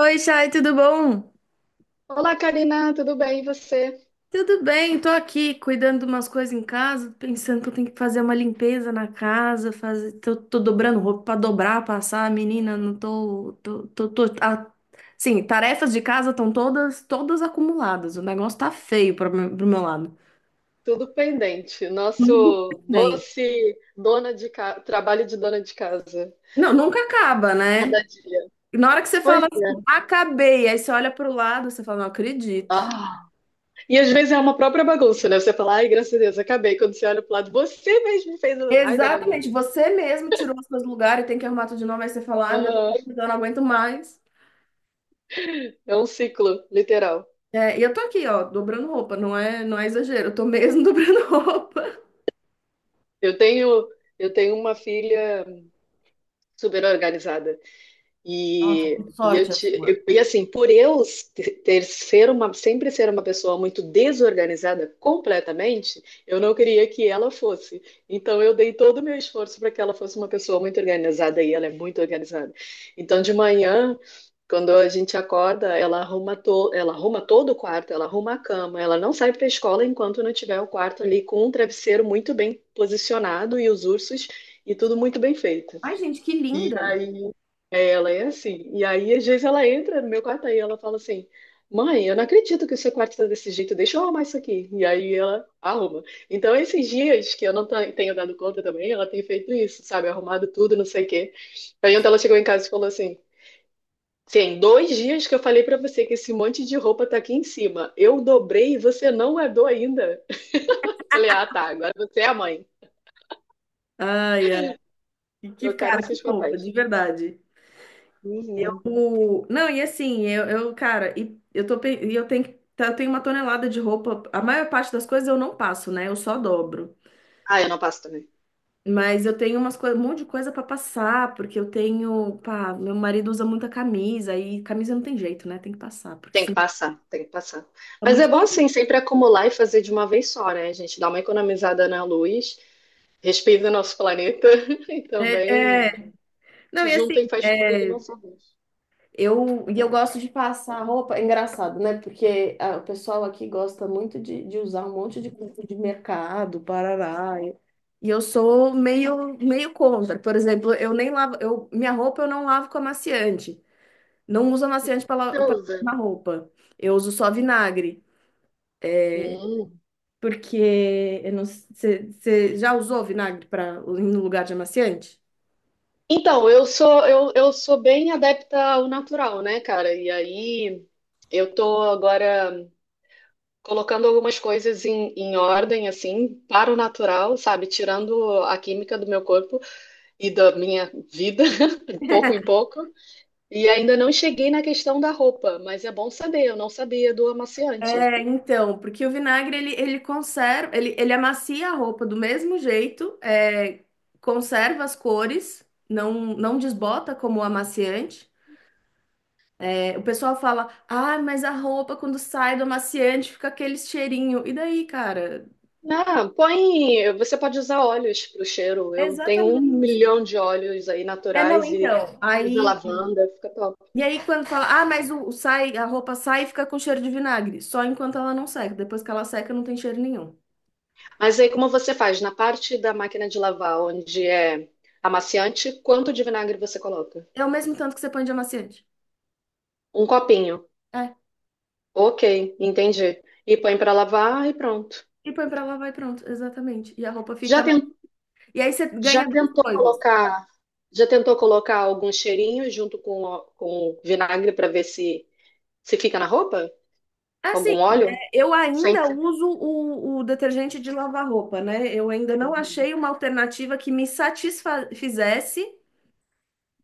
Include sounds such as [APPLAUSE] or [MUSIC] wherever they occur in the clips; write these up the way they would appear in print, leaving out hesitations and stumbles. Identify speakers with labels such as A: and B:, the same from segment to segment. A: Oi, Chay, tudo bom?
B: Olá, Karina, tudo bem? E você?
A: Tudo bem, tô aqui cuidando de umas coisas em casa, pensando que eu tenho que fazer uma limpeza na casa, fazer, tô dobrando roupa pra dobrar, passar, menina, não sim, tarefas de casa estão todas acumuladas, o negócio tá feio pro meu lado.
B: Tudo pendente.
A: Tudo
B: Nosso
A: bem.
B: doce dona de casa, trabalho de dona de casa.
A: Não, nunca acaba, né?
B: Cada dia.
A: Na hora que você
B: Pois
A: fala assim,
B: é.
A: acabei, aí você olha pro lado, você fala, não acredito.
B: Ah. E às vezes é uma própria bagunça, né? Você fala, ai, graças a Deus, acabei. Quando você olha pro lado, você mesmo fez o raio da
A: Exatamente,
B: bagunça.
A: você mesmo tirou os seus lugares, tem que arrumar tudo de novo, aí você fala, ai meu
B: Ah,
A: Deus, eu não aguento mais.
B: é um ciclo, literal.
A: É, e eu tô aqui, ó, dobrando roupa, não é exagero, eu tô mesmo [LAUGHS] dobrando roupa.
B: Eu tenho, eu tenho uma filha super organizada.
A: Nossa,
B: E,
A: que
B: e, eu
A: sorte a
B: te,
A: sua.
B: eu- e assim, por eu sempre ser uma pessoa muito desorganizada completamente, eu não queria que ela fosse. Então eu dei todo o meu esforço para que ela fosse uma pessoa muito organizada e ela é muito organizada. Então de manhã, quando a gente acorda, ela arruma todo o quarto, ela arruma a cama, ela não sai para a escola enquanto não tiver o quarto ali com um travesseiro muito bem posicionado e os ursos e tudo muito bem feito.
A: Ai, gente, que
B: E
A: linda!
B: aí ela é assim. E aí, às vezes, ela entra no meu quarto aí, ela fala assim: Mãe, eu não acredito que o seu quarto está desse jeito, deixa eu arrumar isso aqui. E aí ela arruma. Então, esses dias que eu não tenho dado conta também, ela tem feito isso, sabe? Arrumado tudo, não sei o quê. Aí, ontem ela chegou em casa e falou assim: Sim, dois dias que eu falei pra você que esse monte de roupa tá aqui em cima. Eu dobrei e você não guardou ainda. [LAUGHS] Falei: Ah, tá, agora você é a mãe.
A: Ai, ai,
B: Trocaram
A: cara, que
B: seus
A: fofa, de
B: papéis.
A: verdade.
B: Uhum.
A: Não, e assim, cara, eu tenho uma tonelada de roupa, a maior parte das coisas eu não passo, né? Eu só dobro.
B: Ah, eu não passo também.
A: Mas eu tenho um monte de coisa para passar, porque eu tenho, pá, meu marido usa muita camisa e camisa não tem jeito, né? Tem que passar, porque
B: Tem que
A: senão
B: passar, tem que passar.
A: fica
B: Mas é
A: muito.
B: bom assim, sempre acumular e fazer de uma vez só, né? A gente dá uma economizada na luz, respeita o nosso planeta [LAUGHS] e
A: É,
B: também
A: é. Não,
B: te
A: e assim,
B: junta e faz tudo de
A: é,
B: uma só vez.
A: e eu gosto de passar roupa, é engraçado, né? Porque ah, o pessoal aqui gosta muito de usar um monte de coisa de mercado, parará. E eu sou meio contra. Por exemplo, eu nem lavo, minha roupa eu não lavo com amaciante. Não uso amaciante para
B: Você
A: lavar
B: usa.
A: roupa. Eu uso só vinagre.
B: Hum.
A: Porque eu não, sei- você já usou vinagre para no lugar de amaciante?
B: Então, eu sou bem adepta ao natural, né, cara? E aí eu tô agora colocando algumas coisas em ordem, assim, para o natural, sabe? Tirando a química do meu corpo e da minha vida, [LAUGHS] de pouco em pouco. E ainda não cheguei na questão da roupa, mas é bom saber, eu não sabia do amaciante.
A: É, então, porque o vinagre ele conserva, ele amacia a roupa do mesmo jeito, é, conserva as cores, não desbota como o amaciante. É, o pessoal fala, ah, mas a roupa quando sai do amaciante fica aquele cheirinho. E daí, cara?
B: Ah, põe. Você pode usar óleos para o cheiro. Eu tenho um
A: Exatamente.
B: milhão de óleos aí
A: É, não,
B: naturais e
A: então.
B: usa
A: Aí
B: lavanda, fica top.
A: e aí, quando fala, ah, mas a roupa sai e fica com cheiro de vinagre. Só enquanto ela não seca. Depois que ela seca, não tem cheiro nenhum.
B: Mas aí, como você faz? Na parte da máquina de lavar, onde é amaciante, quanto de vinagre você coloca?
A: É o mesmo tanto que você põe de amaciante.
B: Um copinho.
A: É.
B: Ok, entendi. E põe para lavar e pronto.
A: E põe pra lavar e pronto. Exatamente. E a roupa
B: Já
A: fica. E aí você
B: Já
A: ganha duas
B: tentou
A: coisas.
B: colocar, já tentou colocar algum cheirinho junto com, com o vinagre para ver se fica na roupa?
A: É. Assim,
B: Algum óleo?
A: eu
B: Sem
A: ainda
B: ser.
A: uso o detergente de lavar roupa, né? Eu ainda não achei uma alternativa que me satisfizesse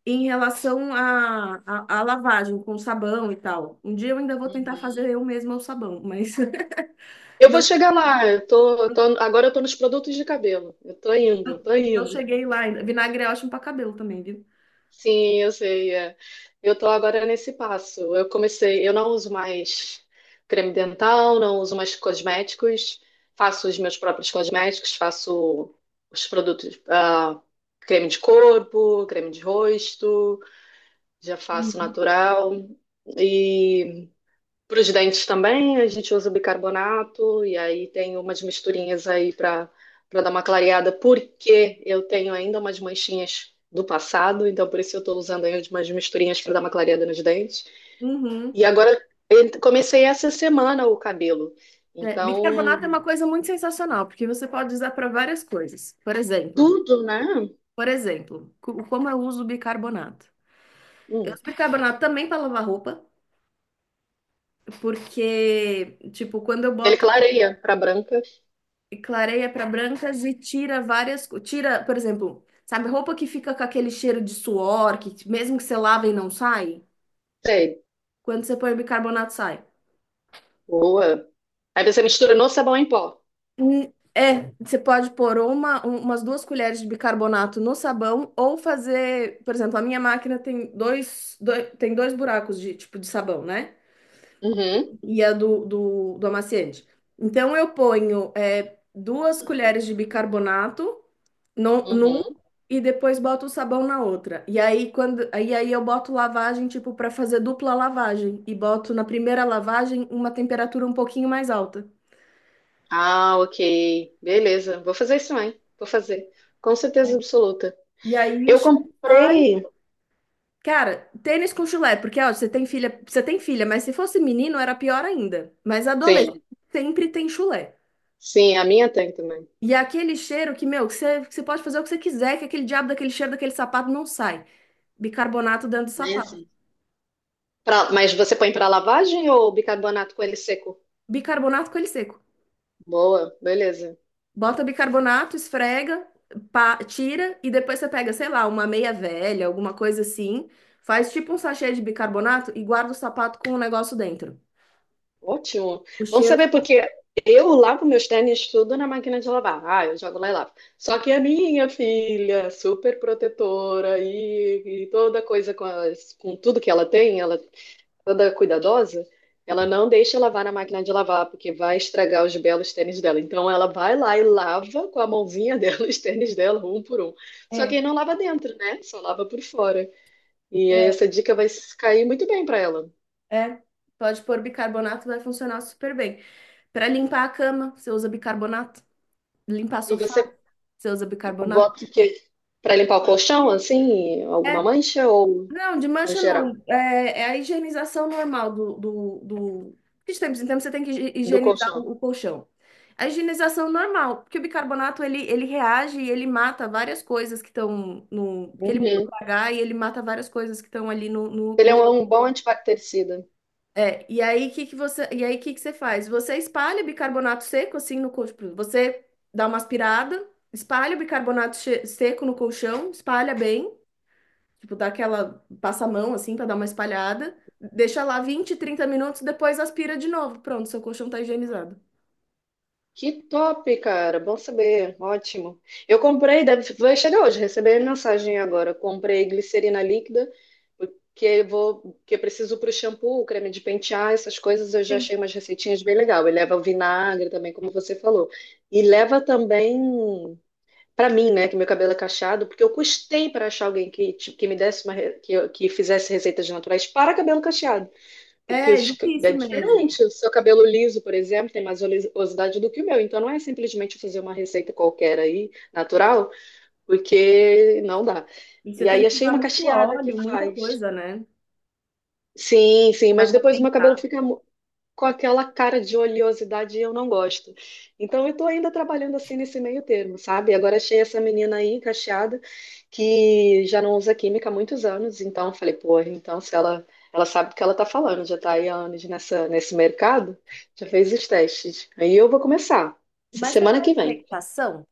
A: em relação à lavagem com sabão e tal. Um dia eu ainda vou tentar
B: Uhum.
A: fazer eu mesma o sabão, mas. [LAUGHS]
B: Eu
A: Não,
B: vou chegar lá. Agora eu tô nos produtos de cabelo. Eu tô indo,
A: eu
B: tô
A: não
B: indo.
A: cheguei lá ainda. Vinagre é ótimo pra cabelo também, viu?
B: Sim, eu sei. É. Eu tô agora nesse passo. Eu comecei, eu não uso mais creme dental, não uso mais cosméticos, faço os meus próprios cosméticos, faço os produtos, creme de corpo, creme de rosto, já faço
A: Uhum.
B: natural. Para os dentes também, a gente usa bicarbonato e aí tem umas misturinhas aí para dar uma clareada, porque eu tenho ainda umas manchinhas do passado, então por isso eu estou usando aí umas misturinhas para dar uma clareada nos dentes.
A: Uhum.
B: E agora eu comecei essa semana o cabelo.
A: É, bicarbonato é
B: Então,
A: uma coisa muito sensacional, porque você pode usar para várias coisas. Por exemplo,
B: tudo, né?
A: como eu uso bicarbonato? Eu
B: Hum,
A: uso bicarbonato também para lavar roupa, porque, tipo, quando eu
B: ele
A: boto
B: clareia para branca.
A: clareia para brancas e tira várias, tira, por exemplo, sabe, roupa que fica com aquele cheiro de suor, que mesmo que você lave e não sai,
B: Sei,
A: quando você põe bicarbonato sai.
B: boa. Aí você mistura no sabão em pó.
A: Hum, É, você pode pôr umas duas colheres de bicarbonato no sabão ou fazer, por exemplo, a minha máquina tem dois buracos de tipo de sabão, né?
B: Uhum,
A: E a do amaciante. Então eu ponho duas colheres de bicarbonato no, num
B: uhum.
A: e depois boto o sabão na outra. E aí aí eu boto lavagem tipo para fazer dupla lavagem e boto na primeira lavagem uma temperatura um pouquinho mais alta.
B: Ah, ok. Beleza. Vou fazer isso também. Vou fazer. Com certeza absoluta.
A: E aí o
B: Eu
A: chá.
B: comprei.
A: Cara, tênis com chulé, porque ó, você tem filha, mas se fosse menino era pior ainda. Mas adolescente
B: Sim,
A: sempre tem chulé.
B: sim, a minha tem também.
A: E é aquele cheiro que, meu, que você pode fazer o que você quiser, que aquele diabo daquele cheiro daquele sapato não sai. Bicarbonato dentro do
B: Né?
A: sapato.
B: Sim. Mas você põe para lavagem ou bicarbonato com ele seco?
A: Bicarbonato com ele seco.
B: Boa, beleza.
A: Bota bicarbonato, esfrega, pá, tira e depois você pega, sei lá, uma meia velha, alguma coisa assim, faz tipo um sachê de bicarbonato e guarda o sapato com o negócio dentro.
B: Ótimo.
A: O
B: Vamos
A: cheiro.
B: saber porque eu lavo meus tênis tudo na máquina de lavar. Ah, eu jogo lá e lavo. Só que a minha filha, super protetora e toda coisa com, com tudo que ela tem, ela toda cuidadosa, ela não deixa lavar na máquina de lavar, porque vai estragar os belos tênis dela. Então ela vai lá e lava com a mãozinha [LAUGHS] dela os tênis dela, um por um. Só que aí
A: É.
B: não lava dentro, né? Só lava por fora. E aí
A: É,
B: essa dica vai cair muito bem para ela.
A: É, pode pôr bicarbonato, vai funcionar super bem. Para limpar a cama, você usa bicarbonato. Limpar
B: E
A: sofá,
B: você
A: você usa bicarbonato.
B: bota o quê? Para limpar o colchão, assim,
A: É,
B: alguma mancha ou
A: não, de
B: no
A: mancha
B: geral?
A: não. É, é a higienização normal do. Porque de tempos em tempos você tem que
B: Do
A: higienizar
B: colchão.
A: o colchão. A higienização normal, porque o bicarbonato ele reage e ele mata várias coisas que estão no. Porque ele muda
B: Uhum.
A: o pH e ele mata várias coisas que estão ali no
B: Ele é
A: colchão.
B: um bom antibactericida.
A: É, e aí que você faz? Você espalha bicarbonato seco assim no colchão. Você dá uma aspirada, espalha o bicarbonato seco no colchão, espalha bem, tipo dá aquela passa a mão assim para dar uma espalhada, deixa lá 20, 30 minutos, depois aspira de novo. Pronto, seu colchão tá higienizado.
B: Que top, cara. Bom saber. Ótimo. Eu comprei, deve, vai chegar hoje, recebi a mensagem agora. Comprei glicerina líquida, porque eu vou, que eu preciso para o shampoo, creme de pentear, essas coisas. Eu já
A: Sim.
B: achei umas receitinhas bem legal. E leva vinagre também, como você falou. E leva também para mim, né, que meu cabelo é cacheado, porque eu custei para achar alguém que, tipo, que me desse uma, re- que, eu- que fizesse receitas naturais para cabelo cacheado. Porque
A: É, é
B: os é
A: difícil mesmo.
B: diferente. O seu cabelo liso, por exemplo, tem mais oleosidade do que o meu. Então não é simplesmente fazer uma receita qualquer aí, natural, porque não dá.
A: E você
B: E
A: tem
B: aí
A: que
B: achei
A: usar
B: uma
A: muito
B: cacheada que
A: óleo, muita
B: faz.
A: coisa, né?
B: Sim, sim,
A: Pra
B: mas depois o meu cabelo
A: compensar.
B: fica com aquela cara de oleosidade e eu não gosto. Então eu tô ainda trabalhando assim nesse meio termo, sabe? Agora achei essa menina aí encaixada que já não usa química há muitos anos, então eu falei, porra então se ela sabe do que ela tá falando, já tá aí há anos nessa nesse mercado, já fez os testes. Aí eu vou começar essa
A: Mas você
B: semana
A: faz
B: que
A: uma
B: vem.
A: meditação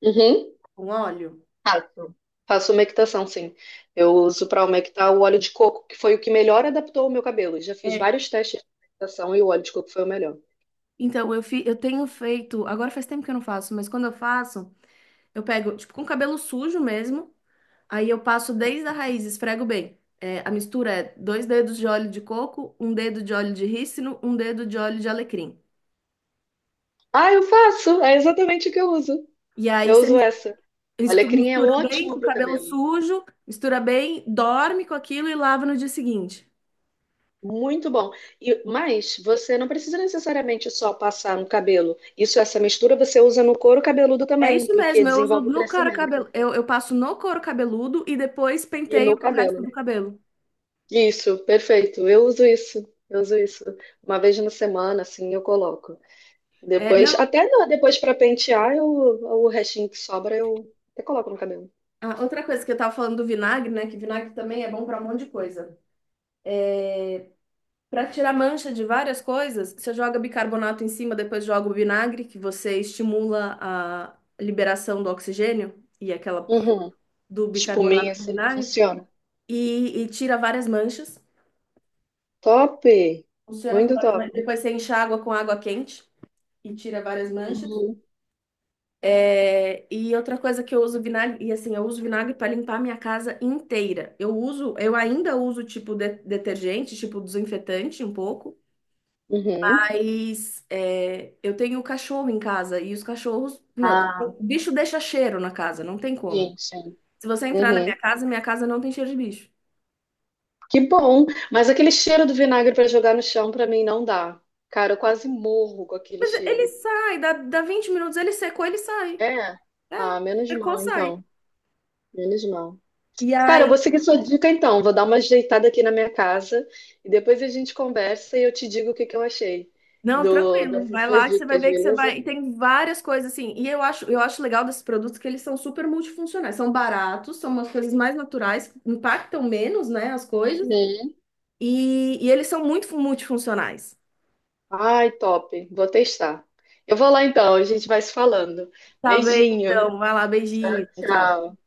B: Uhum.
A: com óleo?
B: Faço. Faço humectação, sim. Eu uso para humectar o óleo de coco, que foi o que melhor adaptou o meu cabelo. Já fiz vários testes de humectação e o óleo de coco foi o melhor.
A: Então, eu tenho feito. Agora faz tempo que eu não faço, mas quando eu faço, eu pego, tipo, com cabelo sujo mesmo. Aí eu passo desde a raiz, esfrego bem. É, a mistura é dois dedos de óleo de coco, um dedo de óleo de rícino, um dedo de óleo de alecrim.
B: Ah, eu faço. É exatamente o que eu uso.
A: E aí
B: Eu
A: você
B: uso essa. Olha, alecrim é
A: mistura bem
B: ótimo
A: com o
B: para o
A: cabelo
B: cabelo.
A: sujo, mistura bem, dorme com aquilo e lava no dia seguinte.
B: Muito bom. Mas você não precisa necessariamente só passar no cabelo. Isso, essa mistura você usa no couro cabeludo
A: É
B: também,
A: isso
B: porque
A: mesmo, eu uso
B: desenvolve o
A: no couro
B: crescimento.
A: cabelo, eu passo no couro cabeludo e depois
B: E no
A: penteio pro
B: cabelo.
A: resto
B: Né?
A: do cabelo.
B: Isso, perfeito. Eu uso isso. Eu uso isso. Uma vez na semana, assim, eu coloco.
A: É, não,
B: Depois, até depois para pentear, o restinho que sobra eu até coloco no cabelo.
A: ah, outra coisa que eu tava falando do vinagre, né? Que vinagre também é bom pra um monte de coisa. Pra tirar mancha de várias coisas, você joga bicarbonato em cima, depois joga o vinagre, que você estimula a liberação do oxigênio e aquela
B: Uhum.
A: do bicarbonato
B: Espuminha,
A: com
B: assim,
A: vinagre
B: funciona.
A: e tira várias manchas.
B: Top!
A: Funciona com
B: Muito
A: várias
B: top.
A: manchas. Depois você enxágua com água quente e tira várias manchas.
B: Uhum.
A: É, e outra coisa que eu uso vinagre, e assim, eu uso vinagre para limpar a minha casa inteira. Eu uso, eu ainda uso tipo detergente, tipo desinfetante um pouco,
B: Uhum,
A: mas é, eu tenho cachorro em casa e os cachorros, meu,
B: ah,
A: bicho deixa cheiro na casa, não tem como.
B: sim, sim.
A: Se você entrar na
B: Uhum.
A: minha casa não tem cheiro de bicho.
B: Que bom! Mas aquele cheiro do vinagre para jogar no chão para mim não dá. Cara, eu quase morro com aquele
A: Mas ele
B: cheiro.
A: sai, dá 20 minutos, ele secou, ele sai.
B: É,
A: É,
B: ah, menos
A: secou,
B: mal
A: sai.
B: então. Menos mal.
A: E
B: Cara, eu
A: aí
B: vou seguir sua dica então. Vou dar uma ajeitada aqui na minha casa e depois a gente conversa e eu te digo o que que eu achei
A: não, tranquilo.
B: dessas
A: Vai
B: suas
A: lá que você vai
B: dicas,
A: ver que você
B: beleza?
A: vai. E tem várias coisas assim. E eu acho legal desses produtos que eles são super multifuncionais. São baratos, são umas coisas mais naturais, impactam menos, né, as coisas.
B: Uhum.
A: E eles são muito multifuncionais.
B: Ai, top. Vou testar. Eu vou lá então, a gente vai se falando.
A: Tá bem,
B: Beijinho.
A: então. Vai lá,
B: Tchau,
A: beijinho. Tchau. Tchau.
B: tchau.